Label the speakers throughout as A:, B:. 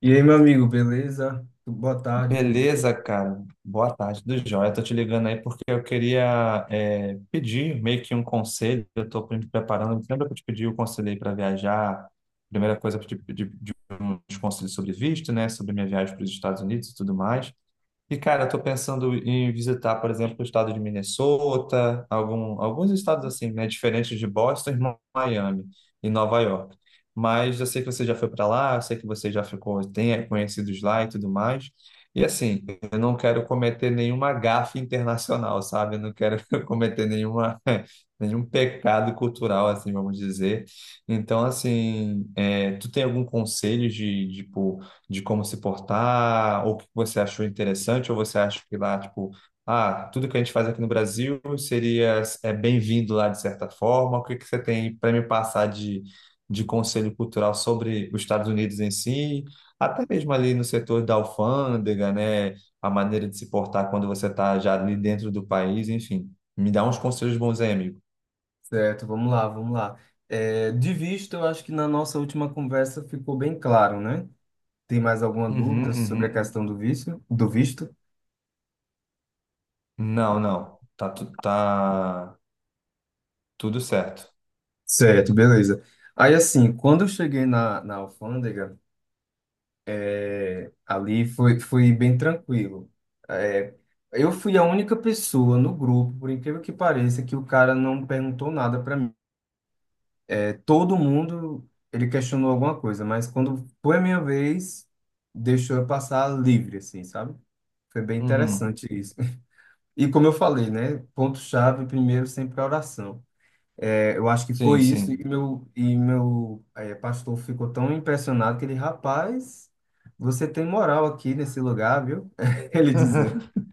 A: E aí, meu amigo, beleza? Boa tarde, tudo bem?
B: Beleza, cara. Boa tarde, do Joia. Tô te ligando aí porque eu queria pedir meio que um conselho. Eu tô me preparando. Lembra que eu te pedi o conselho aí para viajar? Primeira coisa, eu te pedi de uns conselhos sobre visto, né? Sobre minha viagem para os Estados Unidos e tudo mais. E, cara, eu tô pensando em visitar, por exemplo, o estado de Minnesota, alguns estados assim, né, diferentes de Boston, e Miami e Nova York. Mas eu sei que você já foi para lá, eu sei que você já ficou, tem conhecidos lá e tudo mais. E assim, eu não quero cometer nenhuma gafe internacional, sabe? Eu não quero cometer nenhuma, nenhum pecado cultural, assim, vamos dizer. Então, assim, tu tem algum conselho de, tipo, de como se portar, ou o que você achou interessante, ou você acha que lá, tipo, ah, tudo que a gente faz aqui no Brasil seria bem-vindo lá de certa forma? O que que você tem para me passar de conselho cultural sobre os Estados Unidos em si? Até mesmo ali no setor da alfândega, né? A maneira de se portar quando você está já ali dentro do país, enfim. Me dá uns conselhos bons aí, amigo.
A: Certo, vamos lá, vamos lá. É, de vista, eu acho que na nossa última conversa ficou bem claro, né? Tem mais alguma dúvida
B: Uhum,
A: sobre a
B: uhum.
A: questão do vício do visto?
B: Não, não. Tá, tá tudo certo.
A: Certo, beleza. Aí, assim, quando eu cheguei na alfândega, ali foi bem tranquilo. É, eu fui a única pessoa no grupo, por incrível que pareça, que o cara não perguntou nada para Todo mundo, ele questionou alguma coisa, mas quando foi a minha vez, deixou eu passar livre, assim, sabe? Foi bem
B: Uhum.
A: interessante isso. E como eu falei, né? Ponto-chave, primeiro sempre a oração. Eu acho que
B: Sim,
A: foi isso, e
B: sim.
A: meu pastor ficou tão impressionado que ele, rapaz, você tem moral aqui nesse lugar, viu? Ele dizendo.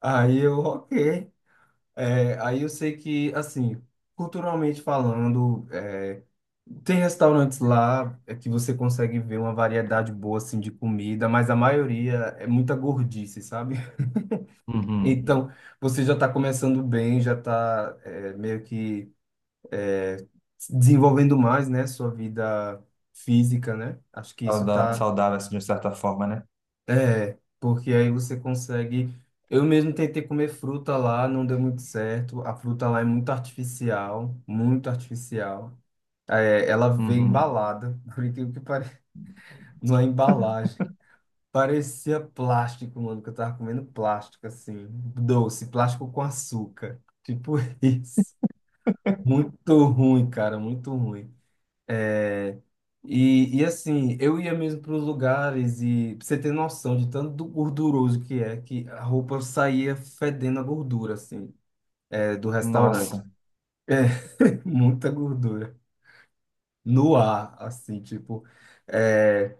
A: Aí eu, ok. É, aí eu sei que, assim, culturalmente falando, tem restaurantes lá que você consegue ver uma variedade boa, assim, de comida, mas a maioria é muita gordice, sabe?
B: Uhum.
A: Então, você já está começando bem, já está meio que desenvolvendo mais, né, sua vida física, né? Acho que isso está...
B: Saudável, assim, de certa forma, né?
A: É, porque aí você consegue. Eu mesmo tentei comer fruta lá, não deu muito certo. A fruta lá é muito artificial, muito artificial. É, ela vem
B: Uhum.
A: embalada, por incrível que pareça, numa embalagem. Parecia plástico, mano, que eu tava comendo plástico, assim, doce, plástico com açúcar. Tipo isso. Muito ruim, cara, muito ruim. É, e assim, eu ia mesmo para os lugares e pra você ter noção de tanto do gorduroso que é, que a roupa saía fedendo a gordura, assim, do restaurante.
B: Nossa.
A: É, muita gordura. No ar, assim, tipo. É...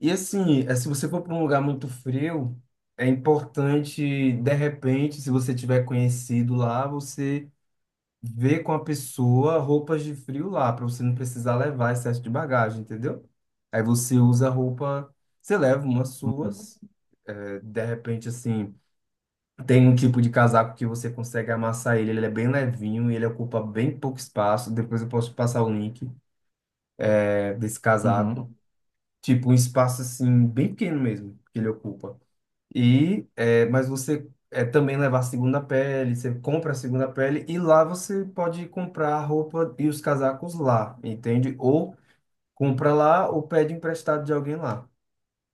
A: E assim, é, se você for para um lugar muito frio, é importante, de repente, se você tiver conhecido lá, você ver com a pessoa roupas de frio lá, para você não precisar levar excesso de bagagem, entendeu? Aí você usa roupa, você leva umas
B: Uhum.
A: suas, de repente, assim, tem um tipo de casaco que você consegue amassar ele, ele é bem levinho e ele ocupa bem pouco espaço. Depois eu posso te passar o link, desse
B: Uhum.
A: casaco. Tipo, um espaço, assim, bem pequeno mesmo, que ele ocupa. Mas você também levar a segunda pele, você compra a segunda pele e lá você pode comprar a roupa e os casacos lá, entende? Ou compra lá ou pede emprestado de alguém lá,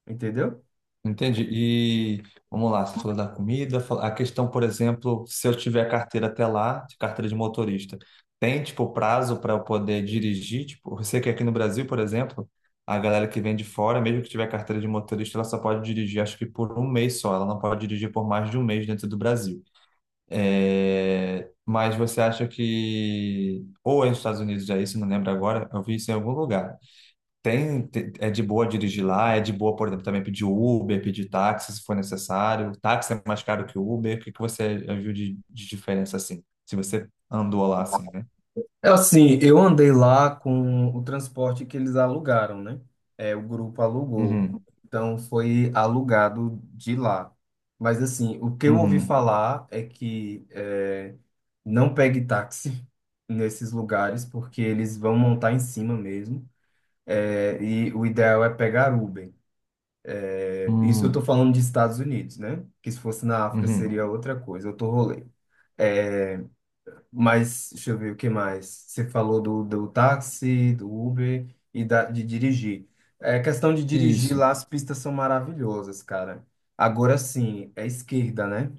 A: entendeu?
B: Entendi. E vamos lá, você falou da comida, a questão, por exemplo, se eu tiver carteira até lá, de carteira de motorista, tem tipo prazo para eu poder dirigir? Tipo, eu sei que aqui no Brasil, por exemplo, a galera que vem de fora, mesmo que tiver carteira de motorista, ela só pode dirigir, acho que por um mês só, ela não pode dirigir por mais de um mês dentro do Brasil. É, mas você acha que, ou é nos Estados Unidos já isso, não lembro agora, eu vi isso em algum lugar. Tem, é de boa dirigir lá, é de boa, por exemplo, também pedir Uber, pedir táxi se for necessário. Táxi é mais caro que o Uber. O que que você viu de diferença assim? Se você andou lá assim, né?
A: Assim, eu andei lá com o transporte que eles alugaram, né? É, o grupo alugou.
B: Uhum,
A: Então, foi alugado de lá. Mas, assim, o que eu ouvi
B: uhum,
A: falar é que não pegue táxi nesses lugares, porque eles vão montar em cima mesmo. É, e o ideal é pegar Uber. É, isso eu tô
B: uhum,
A: falando de Estados Unidos, né? Que se fosse na África
B: uhum.
A: seria outra coisa, outro rolê. Mas, deixa eu ver o que mais. Você falou do táxi, do Uber e de dirigir. É questão de dirigir
B: Isso.
A: lá, as pistas são maravilhosas, cara. Agora sim, é esquerda, né?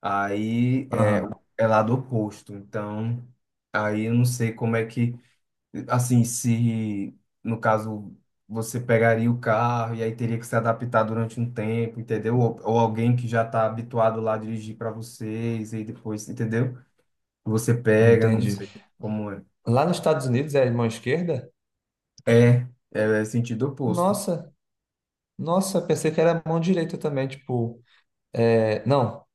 A: Aí é,
B: Aham,
A: é lado oposto. Então, aí eu não sei como é que. Assim, se no caso você pegaria o carro e aí teria que se adaptar durante um tempo, entendeu? Ou alguém que já está habituado lá a dirigir para vocês e depois, entendeu? Você pega, não
B: entendi.
A: sei como é.
B: Lá nos Estados Unidos é mão esquerda?
A: É, é sentido oposto.
B: Nossa, nossa, pensei que era mão direita também, tipo. É, não,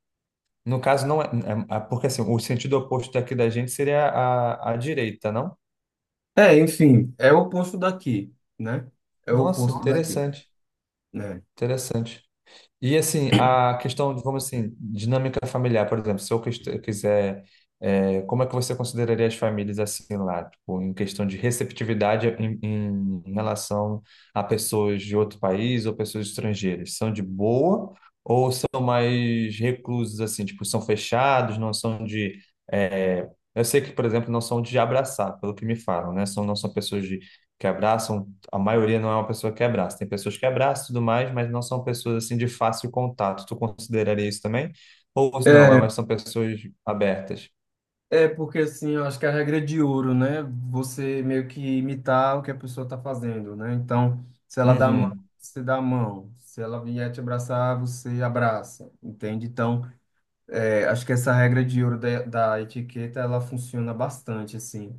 B: no caso, não é, porque assim, o sentido oposto daqui da gente seria a direita, não?
A: É, enfim, é o oposto daqui, né? É o
B: Nossa,
A: oposto Nossa. Daqui,
B: interessante,
A: né?
B: interessante. E assim, a questão, vamos assim, dinâmica familiar, por exemplo, se eu quiser, é, como é que você consideraria as famílias assim lá, tipo, em questão de receptividade em, em relação a pessoas de outro país ou pessoas estrangeiras? São de boa ou são mais reclusos assim, tipo, são fechados, não são de, é, eu sei que, por exemplo, não são de abraçar, pelo que me falam, né? São, não são pessoas de, que abraçam a maioria não é uma pessoa que abraça. Tem pessoas que abraçam e tudo mais, mas não são pessoas assim de fácil contato. Tu consideraria isso também? Ou não, é,
A: É,
B: mas são pessoas abertas.
A: é porque assim, eu acho que a regra é de ouro, né? Você meio que imitar o que a pessoa tá fazendo, né? Então, se ela dá a mão,
B: Uhum,
A: você dá a mão. Se ela vier te abraçar, você abraça, entende? Então, é, acho que essa regra de ouro da etiqueta, ela funciona bastante, assim,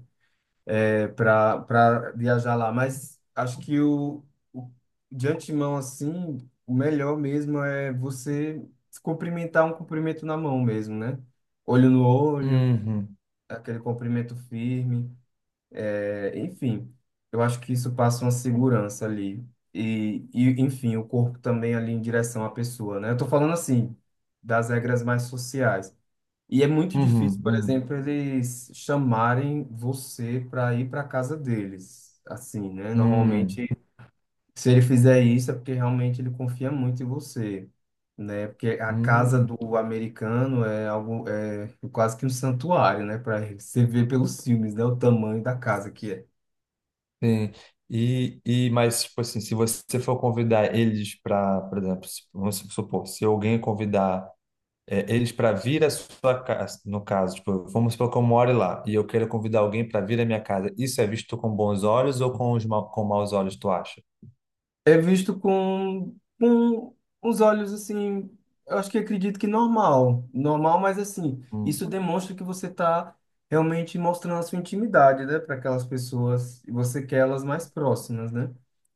A: para viajar lá, mas acho que o de antemão assim, o melhor mesmo é você se cumprimentar, um cumprimento na mão mesmo, né? Olho no olho,
B: uhum,
A: aquele cumprimento firme, é, enfim. Eu acho que isso passa uma segurança ali. Enfim, o corpo também ali em direção à pessoa, né? Eu tô falando assim, das regras mais sociais. E é muito difícil,
B: uhum,
A: por
B: uhum,
A: exemplo, eles chamarem você para ir para casa deles. Assim, né?
B: uhum,
A: Normalmente, se ele fizer isso, é porque realmente ele confia muito em você, né? Porque a casa
B: uhum.
A: do americano é algo, é quase que um santuário, né? Para você ver pelos filmes, né? O tamanho da casa que é.
B: Sim. E, mas, tipo assim, se você for convidar eles para, por exemplo, vamos supor, se alguém convidar eles para vir à sua casa, no caso, tipo, vamos supor que eu moro lá e eu quero convidar alguém para vir à minha casa, isso é visto com bons olhos ou com, os ma com maus olhos, tu acha?
A: É visto com uns olhos assim, eu acho que, acredito que normal, normal, mas assim,
B: Hum,
A: isso demonstra que você está realmente mostrando a sua intimidade, né, para aquelas pessoas e você quer elas mais próximas, né?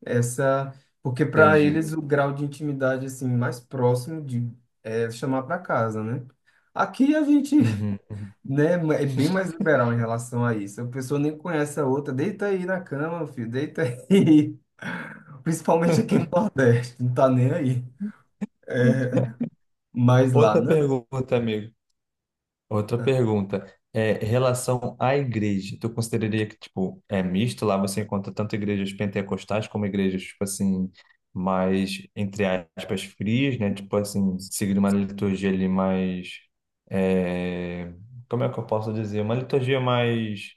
A: Essa, porque para
B: entendi.
A: eles o grau de intimidade assim mais próximo de é chamar para casa, né? Aqui a gente,
B: Uhum, uhum.
A: né? É bem mais liberal em relação a isso. A pessoa nem conhece a outra. Deita aí na cama, filho, deita aí. Principalmente aqui no Nordeste, não tá nem aí. É, mas lá,
B: Outra
A: não.
B: pergunta, amigo. Outra pergunta é em relação à igreja. Tu consideraria que tipo é misto lá? Você encontra tanto igrejas pentecostais como igrejas tipo assim mais entre aspas frias, né? Tipo assim seguindo uma liturgia ali mais é, como é que eu posso dizer? Uma liturgia mais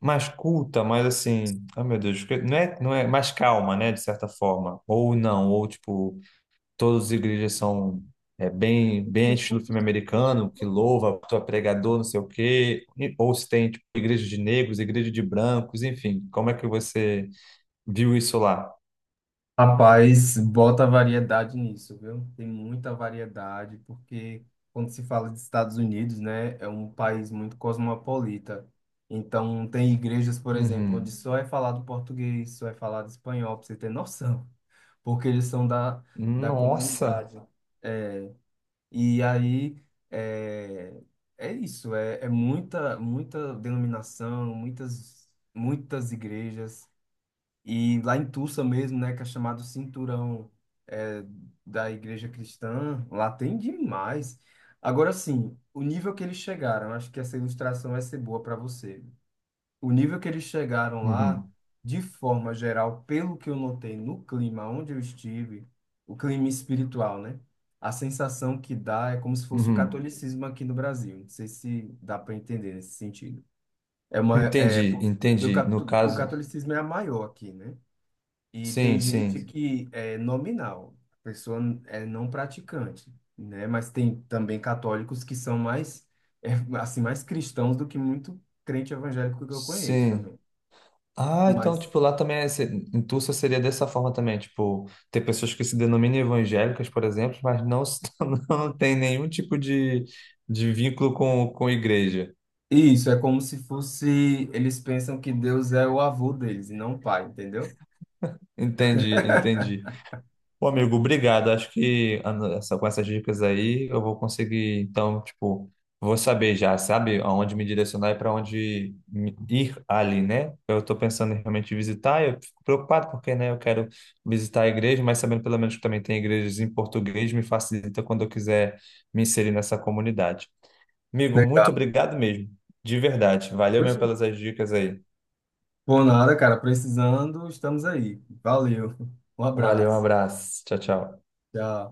B: mais culta, mais assim. Ai meu Deus, não é não é mais calma, né? De certa forma. Ou não, ou tipo todas as igrejas são é, bem, bem estilo filme americano, que louva, tu é pregador, não sei o quê, ou se tem tipo, igreja de negros, igreja de brancos, enfim, como é que você viu isso lá?
A: Rapaz, bota variedade nisso, viu? Tem muita variedade, porque quando se fala de Estados Unidos, né, é um país muito cosmopolita. Então, tem igrejas, por exemplo, onde
B: Uhum.
A: só é falado português, só é falado espanhol, pra você ter noção, porque eles são da
B: Nossa!
A: comunidade. E aí é, é isso, é muita, muita denominação, muitas igrejas. E lá em Tulsa mesmo, né, que é chamado Cinturão é, da Igreja Cristã, lá tem demais. Agora sim, o nível que eles chegaram, acho que essa ilustração vai ser boa para você, o nível que eles chegaram lá,
B: Uhum.
A: de forma geral, pelo que eu notei no clima onde eu estive, o clima espiritual, né? A sensação que dá é como se fosse o
B: Uhum.
A: catolicismo aqui no Brasil. Não sei se dá para entender nesse sentido. É uma, é,
B: Entendi, entendi. No
A: o
B: caso,
A: catolicismo é a maior aqui, né? E tem
B: sim,
A: gente
B: sim,
A: que é nominal, a pessoa é não praticante, né? Mas tem também católicos que são mais, é, assim, mais cristãos do que muito crente evangélico que eu conheço
B: sim.
A: também.
B: Ah, então,
A: Mas
B: tipo, lá também, é, em Tulsa seria dessa forma também, tipo, tem pessoas que se denominam evangélicas, por exemplo, mas não, não tem nenhum tipo de vínculo com igreja.
A: isso é como se fosse, eles pensam que Deus é o avô deles e não o pai, entendeu?
B: Entendi, entendi. Pô, amigo, obrigado. Acho que ah, com essas dicas aí eu vou conseguir, então, tipo, vou saber já, sabe, aonde me direcionar e para onde ir ali, né? Eu estou pensando em realmente visitar, eu fico preocupado porque, né, eu quero visitar a igreja, mas sabendo pelo menos que também tem igrejas em português, me facilita quando eu quiser me inserir nessa comunidade. Amigo, muito
A: Legal.
B: obrigado mesmo, de verdade. Valeu mesmo
A: Poxa.
B: pelas as dicas aí.
A: Por nada, cara, precisando, estamos aí. Valeu. Um
B: Valeu, um
A: abraço.
B: abraço. Tchau, tchau.
A: Tchau.